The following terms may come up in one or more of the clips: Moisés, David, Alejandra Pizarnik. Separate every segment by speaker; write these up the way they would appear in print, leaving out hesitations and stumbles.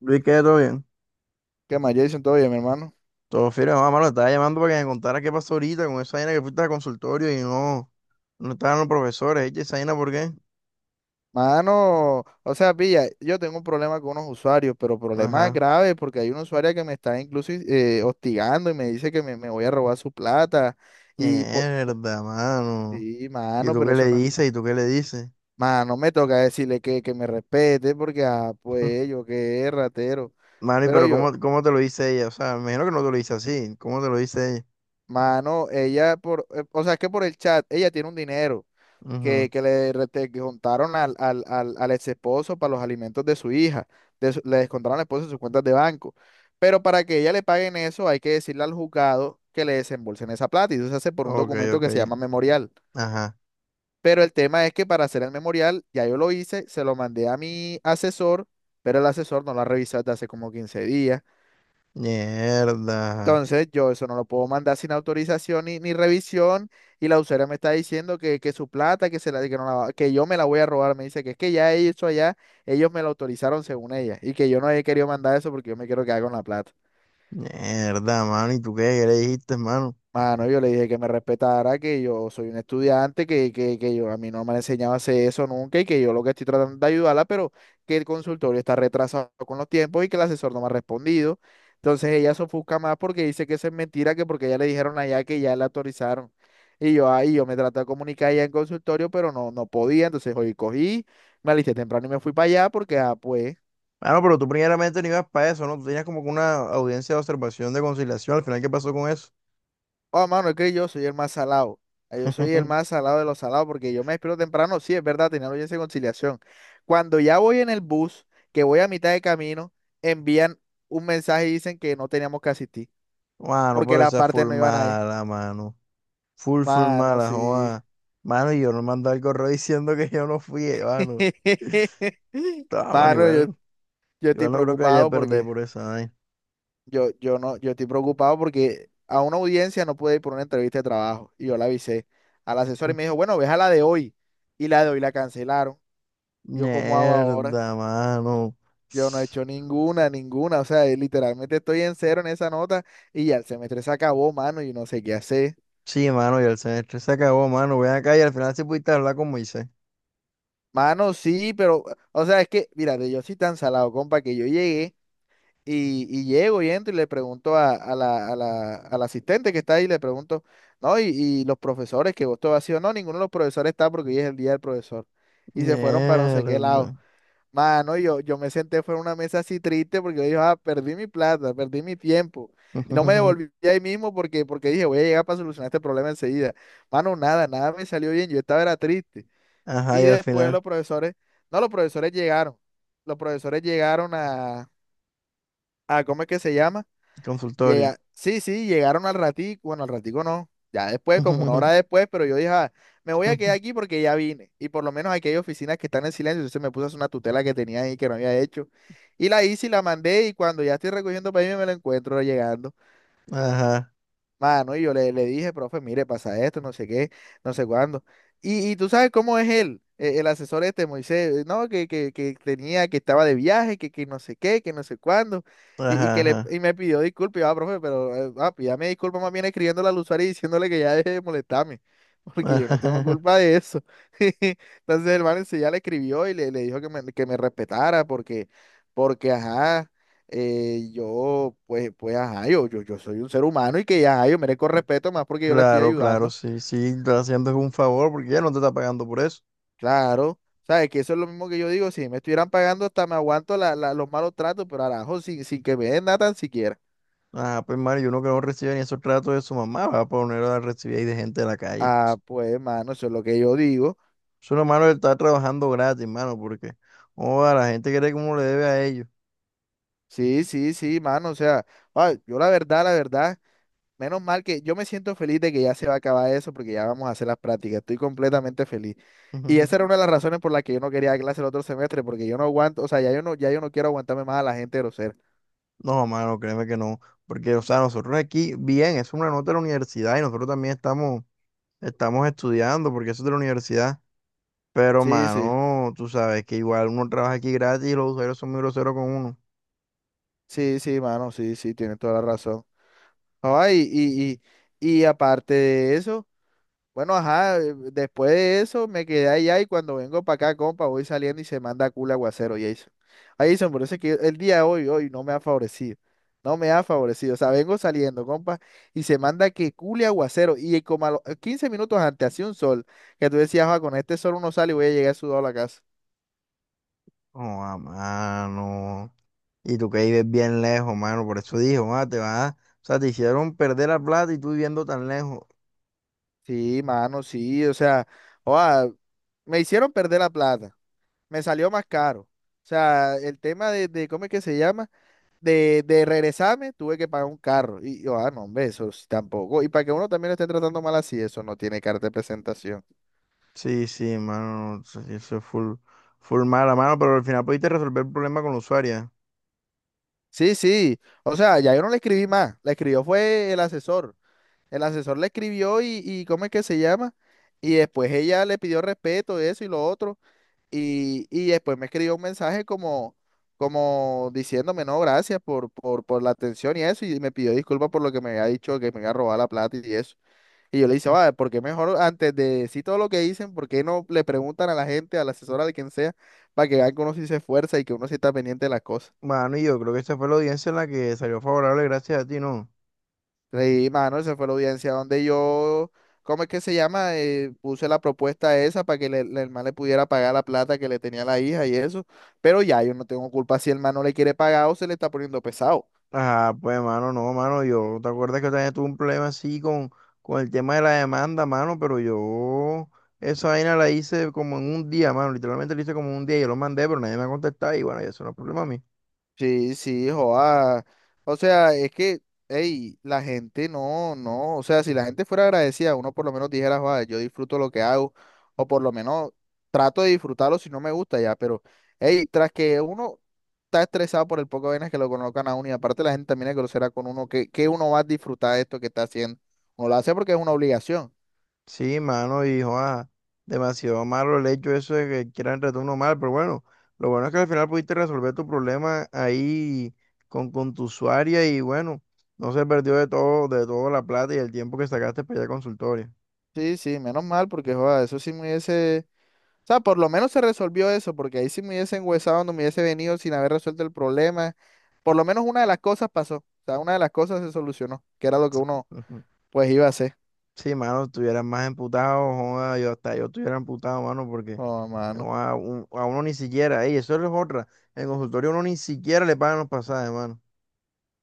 Speaker 1: Luis, ¿qué? ¿Todo bien?
Speaker 2: ¿Qué más, Jason? ¿Todo bien, mi hermano?
Speaker 1: Todo firme, mamá, mano, estaba llamando para que me contara qué pasó ahorita con esa vaina que fuiste al consultorio y no, no estaban los profesores, eche esa vaina, ¿por qué?
Speaker 2: Mano, o sea, pilla, yo tengo un problema con unos usuarios, pero problema
Speaker 1: Ajá.
Speaker 2: grave porque hay una usuaria que me está incluso hostigando y me dice que me voy a robar su plata. Y por...
Speaker 1: Mierda, mano.
Speaker 2: Sí,
Speaker 1: ¿Y
Speaker 2: mano,
Speaker 1: tú
Speaker 2: pero
Speaker 1: qué le
Speaker 2: eso no.
Speaker 1: dices? ¿Y tú qué le dices?
Speaker 2: Mano, me toca decirle que me respete porque, ah, pues yo qué ratero.
Speaker 1: Mano, ¿y
Speaker 2: Pero
Speaker 1: pero
Speaker 2: yo,
Speaker 1: cómo te lo dice ella? O sea, me imagino que no te lo dice así. ¿Cómo te lo dice ella?
Speaker 2: mano, o sea, es que por el chat, ella tiene un dinero,
Speaker 1: Ujú.
Speaker 2: que le descontaron al ex esposo para los alimentos de su hija. Le descontaron al esposo de sus cuentas de banco. Pero para que ella le paguen eso, hay que decirle al juzgado que le desembolsen esa plata. Y eso se hace por un
Speaker 1: Ok,
Speaker 2: documento
Speaker 1: ok.
Speaker 2: que se llama memorial.
Speaker 1: Ajá.
Speaker 2: Pero el tema es que para hacer el memorial, ya yo lo hice, se lo mandé a mi asesor, pero el asesor no lo ha revisado desde hace como 15 días.
Speaker 1: Mierda.
Speaker 2: Entonces, yo eso no lo puedo mandar sin autorización ni revisión. Y la usuaria me está diciendo que su plata, que, se la, que, no la va- que yo me la voy a robar. Me dice que es que ya eso allá, ellos me lo autorizaron según ella. Y que yo no he querido mandar eso porque yo me quiero quedar con la plata.
Speaker 1: Mierda, mano. ¿Y tú qué? ¿Qué le dijiste, mano?
Speaker 2: Mano, yo le dije que me respetara, que yo soy un estudiante, que yo a mí no me han enseñado a hacer eso nunca y que yo lo que estoy tratando de ayudarla, pero que el consultorio está retrasado con los tiempos y que el asesor no me ha respondido. Entonces ella se ofusca más porque dice que eso es mentira, que porque ya le dijeron allá que ya la autorizaron. Y yo ahí, yo me traté de comunicar allá en consultorio, pero no, no podía. Entonces hoy cogí, me alisté temprano y me fui para allá porque, ah, pues.
Speaker 1: Bueno, pero tú primeramente no ibas para eso, ¿no? Tú tenías como que una audiencia de observación de conciliación. Al final, ¿qué pasó con eso?
Speaker 2: Oh, mano, es que yo soy el más salado. Ah, yo soy el más salado de los salados porque yo me despierto temprano. Sí, es verdad, tenía la audiencia de conciliación. Cuando ya voy en el bus, que voy a mitad de camino, envían un mensaje y dicen que no teníamos que asistir
Speaker 1: Mano,
Speaker 2: porque
Speaker 1: pero
Speaker 2: la
Speaker 1: esa
Speaker 2: parte
Speaker 1: full
Speaker 2: no iban ahí.
Speaker 1: mala, mano. Full, full
Speaker 2: Mano,
Speaker 1: mala,
Speaker 2: sí.
Speaker 1: joa. Mano, y yo no mandé el correo diciendo que yo no fui, mano. Ah, mano,
Speaker 2: Mano, yo,
Speaker 1: igual.
Speaker 2: yo estoy
Speaker 1: Igual no creo que haya
Speaker 2: preocupado
Speaker 1: perder
Speaker 2: porque
Speaker 1: por esa vaina.
Speaker 2: yo no, yo estoy preocupado porque a una audiencia no pude ir por una entrevista de trabajo y yo la avisé al asesor y me dijo, bueno, ve a la de hoy y la de hoy la cancelaron. ¿Yo cómo hago ahora?
Speaker 1: Mierda, mano.
Speaker 2: Yo no he hecho ninguna, ninguna. O sea, literalmente estoy en cero en esa nota y ya el semestre se acabó, mano, y no sé qué hacer.
Speaker 1: Sí, mano, y el semestre se acabó, mano. Ven acá y al final sí pudiste hablar con Moisés.
Speaker 2: Mano, sí, pero, o sea, es que, mírate, yo soy tan salado, compa, que yo llegué y llego y entro y le pregunto a la asistente que está ahí, le pregunto, no, y los profesores que vos todo ha sido, no, ninguno de los profesores está porque hoy es el día del profesor. Y se fueron para no sé qué lado.
Speaker 1: Mierda.
Speaker 2: Mano, yo me senté fuera de una mesa así triste porque yo dije, ah, perdí mi plata, perdí mi tiempo. Y no me devolví ahí mismo porque, porque dije, voy a llegar para solucionar este problema enseguida. Mano, nada, nada me salió bien, yo estaba era triste.
Speaker 1: Ajá, y
Speaker 2: Y
Speaker 1: al
Speaker 2: después
Speaker 1: final,
Speaker 2: los profesores, no, los profesores llegaron. Los profesores llegaron a, ¿cómo es que se llama?
Speaker 1: consultorio.
Speaker 2: Sí, sí, llegaron al ratico, bueno, al ratico no, ya después, como una hora después, pero yo dije, "Ah, me voy a quedar aquí porque ya vine. Y por lo menos aquí hay oficinas que están en silencio, entonces me puse a hacer una tutela que tenía ahí que no había hecho. Y la hice y la mandé y cuando ya estoy recogiendo para irme me la encuentro llegando.
Speaker 1: Ajá,
Speaker 2: Mano, y yo le dije, profe, mire, pasa esto, no sé qué, no sé cuándo. Y tú sabes cómo es él, el asesor este, Moisés, ¿no? Que tenía, que estaba de viaje, que no sé qué, que no sé cuándo. Y
Speaker 1: ajá, ajá.
Speaker 2: y me pidió disculpas, y yo, ah, profe, pero ah, pídame disculpas más bien escribiéndole al usuario y diciéndole que ya deje de molestarme, porque yo no tengo
Speaker 1: ajá.
Speaker 2: culpa de eso. Entonces el man ya le escribió y le dijo que me respetara, porque, porque, ajá, yo, pues, ajá, yo soy un ser humano y que ya, ajá, yo merezco respeto más porque yo la estoy
Speaker 1: Claro, claro,
Speaker 2: ayudando.
Speaker 1: sí, sí, está haciendo un favor porque ya no te está pagando por eso.
Speaker 2: Claro, sabes que eso es lo mismo que yo digo, si me estuvieran pagando hasta me aguanto la, los malos tratos, pero arajo, sin que me den nada tan siquiera.
Speaker 1: Ah, pues Mario, uno que no recibe ni esos tratos de su mamá va a poner a recibir ahí de gente de la calle.
Speaker 2: Ah, pues, mano, eso es lo que yo digo.
Speaker 1: Es una mano, hermano, está trabajando gratis, mano, porque, oh, la gente cree que uno le debe a ellos.
Speaker 2: Sí, sí, sí, mano, o sea, ah, yo la verdad, la verdad. Menos mal que yo me siento feliz de que ya se va a acabar eso porque ya vamos a hacer las prácticas. Estoy completamente feliz. Y esa era una de las razones por las que yo no quería dar clase el otro semestre, porque yo no aguanto, o sea, ya yo no quiero aguantarme más a la gente grosera.
Speaker 1: No, mano, créeme que no. Porque, o sea, nosotros aquí, bien, es una nota de la universidad y nosotros también estamos, estamos estudiando porque eso es de la universidad. Pero,
Speaker 2: Sí, sí,
Speaker 1: mano, tú sabes que igual uno trabaja aquí gratis y los usuarios son muy groseros con uno.
Speaker 2: sí, sí, mano, sí, sí, tienes toda la razón. Ay, y aparte de eso. Bueno, ajá, después de eso me quedé allá y cuando vengo para acá, compa, voy saliendo y se manda a culo aguacero, Jason. Ahí Jason, por eso es que el día de hoy no me ha favorecido. No me ha favorecido. O sea, vengo saliendo, compa, y se manda que cule aguacero. Y como a los 15 minutos antes hacía un sol, que tú decías, ah, con este sol uno sale y voy a llegar sudado a la casa.
Speaker 1: Oh, ah, mano. Y tú que vives bien lejos, mano. Por eso dije ah, te vas. O sea, te hicieron perder la plata y tú viviendo tan lejos.
Speaker 2: Sí, mano, sí, o sea, oa, me hicieron perder la plata. Me salió más caro. O sea, el tema de ¿cómo es que se llama? De regresarme, tuve que pagar un carro. Y yo, ah, no, hombre, eso sí tampoco. Y para que uno también lo esté tratando mal así, eso no tiene carta de presentación.
Speaker 1: Sí, sí, mano. Eso eso es full, full mala, mano. Pero al final pudiste resolver el problema con la usuaria.
Speaker 2: Sí, sí. O sea, ya yo no le escribí más. La escribió fue el asesor. El asesor le escribió y, ¿cómo es que se llama? Y después ella le pidió respeto, eso y lo otro. Y después me escribió un mensaje como diciéndome, no, gracias por la atención y eso. Y me pidió disculpas por lo que me había dicho, que me iba a robar la plata y eso. Y yo le dije, va, porque mejor antes de decir todo lo que dicen, ¿por qué no le preguntan a la gente, a la asesora de quien sea, para que vean que uno sí se esfuerza y que uno sí está pendiente de las cosas?
Speaker 1: Mano, y yo creo que esta fue la audiencia en la que salió favorable gracias a ti, ¿no?
Speaker 2: Y mano, esa fue la audiencia donde yo, ¿cómo es que se llama? Puse la propuesta esa para que el man le pudiera pagar la plata que le tenía la hija y eso. Pero ya, yo no tengo culpa si el man no le quiere pagar o se le está poniendo pesado.
Speaker 1: Ah, pues, mano, no, mano, yo, ¿te acuerdas que yo también tuve un problema así con el tema de la demanda, mano? Pero yo, esa vaina la hice como en un día, mano, literalmente la hice como en un día, yo lo mandé, pero nadie me ha contestado y bueno, y eso no es problema mío.
Speaker 2: Sí, sí, joa. O sea, es que, hey, la gente no, no. O sea, si la gente fuera agradecida, uno por lo menos dijera, joa, yo disfruto lo que hago, o por lo menos trato de disfrutarlo si no me gusta ya. Pero, hey, tras que uno está estresado por el poco de vainas que lo colocan a uno, y aparte la gente también es grosera con uno, que uno va a disfrutar de esto que está haciendo. Uno lo hace porque es una obligación.
Speaker 1: Sí, mano, y joda, demasiado malo el hecho eso de que quieran tratar mal, pero bueno, lo bueno es que al final pudiste resolver tu problema ahí con tu usuaria y bueno, no se perdió de todo, de toda la plata y el tiempo que sacaste para ir al consultorio.
Speaker 2: Sí, sí, menos mal, porque, joa, eso sí me hubiese. O sea, por lo menos se resolvió eso, porque ahí si me hubiese enguesado, no me hubiese venido sin haber resuelto el problema. Por lo menos una de las cosas pasó. O sea, una de las cosas se solucionó, que era lo que uno pues iba a hacer.
Speaker 1: Sí, mano, estuvieran más emputado, joda, yo hasta yo estuviera emputado, mano, porque
Speaker 2: Oh, mano.
Speaker 1: joda, un- a, uno ni siquiera, ey, eso es otra, en el consultorio uno ni siquiera le pagan los pasajes, mano.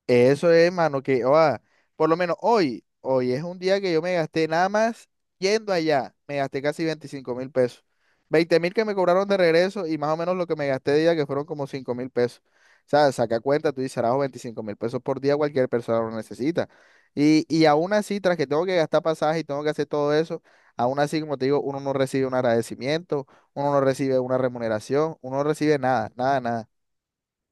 Speaker 2: Eso es, mano, que oa, por lo menos hoy es un día que yo me gasté nada más yendo allá, me gasté casi 25.000 pesos, 20.000 que me cobraron de regreso y más o menos lo que me gasté de día que fueron como 5.000 pesos. O sea, saca cuenta, tú dices, "Arajo, 25.000 pesos por día cualquier persona lo necesita. Y aún así, tras que tengo que gastar pasaje y tengo que hacer todo eso, aún así, como te digo, uno no recibe un agradecimiento, uno no recibe una remuneración, uno no recibe nada, nada, nada.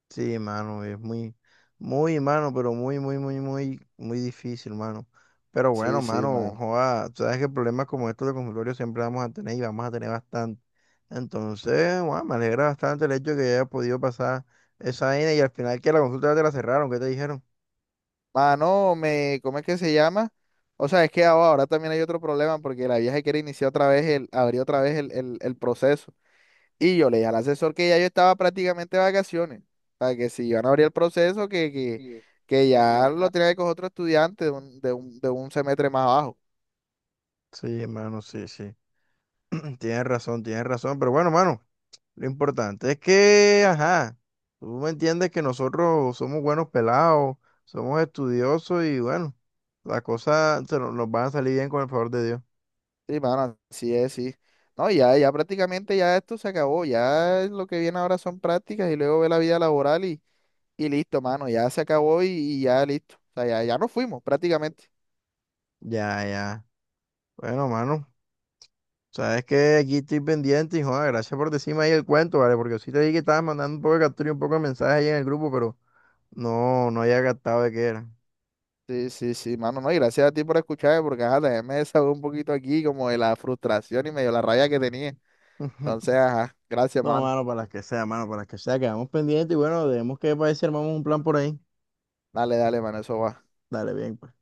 Speaker 1: Sí, mano, es muy, muy, mano, pero muy, muy, muy, muy, muy difícil, mano. Pero bueno,
Speaker 2: Sí, sí,
Speaker 1: mano,
Speaker 2: mano.
Speaker 1: joda, tú sabes que problemas como estos de consultorio siempre vamos a tener y vamos a tener bastante. Entonces, joda, me alegra bastante el hecho de que haya podido pasar esa vaina y al final que la consulta ya te la cerraron, ¿qué te dijeron?
Speaker 2: Mano, ¿cómo es que se llama? O sea, es que ahora también hay otro problema porque la vieja quiere iniciar otra vez abrir otra vez el proceso. Y yo le dije al asesor que ya yo estaba prácticamente de vacaciones. O sea, que si iban a abrir el proceso, que ya lo tenía que coger otro estudiante de un semestre más abajo.
Speaker 1: Sí, mano, sí, sí. Tienes razón, pero bueno, mano, lo importante es que, ajá, tú me entiendes que nosotros somos buenos pelados, somos estudiosos y bueno, las cosas se nos, nos van a salir bien con el favor de Dios.
Speaker 2: Sí, mano, así es, sí. No, ya prácticamente ya esto se acabó. Ya lo que viene ahora son prácticas y luego ve la vida laboral y listo, mano. Ya se acabó y ya listo. O sea, ya nos fuimos prácticamente.
Speaker 1: Ya, ya. Bueno, mano, sabes que aquí estoy pendiente y joder, gracias por decirme ahí el cuento, ¿vale? Porque sí te dije que estabas mandando un poco de captura y un poco de mensajes ahí en el grupo, pero no, no había captado de qué era.
Speaker 2: Sí, sí, sí, mano, no, y gracias a ti por escucharme, porque ajá, también me desahogué un poquito aquí como de la frustración y medio la rabia que tenía. Entonces, ajá, gracias,
Speaker 1: No,
Speaker 2: mano.
Speaker 1: mano, para las que sea, mano, para las que sea, quedamos pendientes y bueno, debemos que para ver si armamos un plan por ahí.
Speaker 2: Dale, dale, mano, eso va.
Speaker 1: Dale, bien, pues.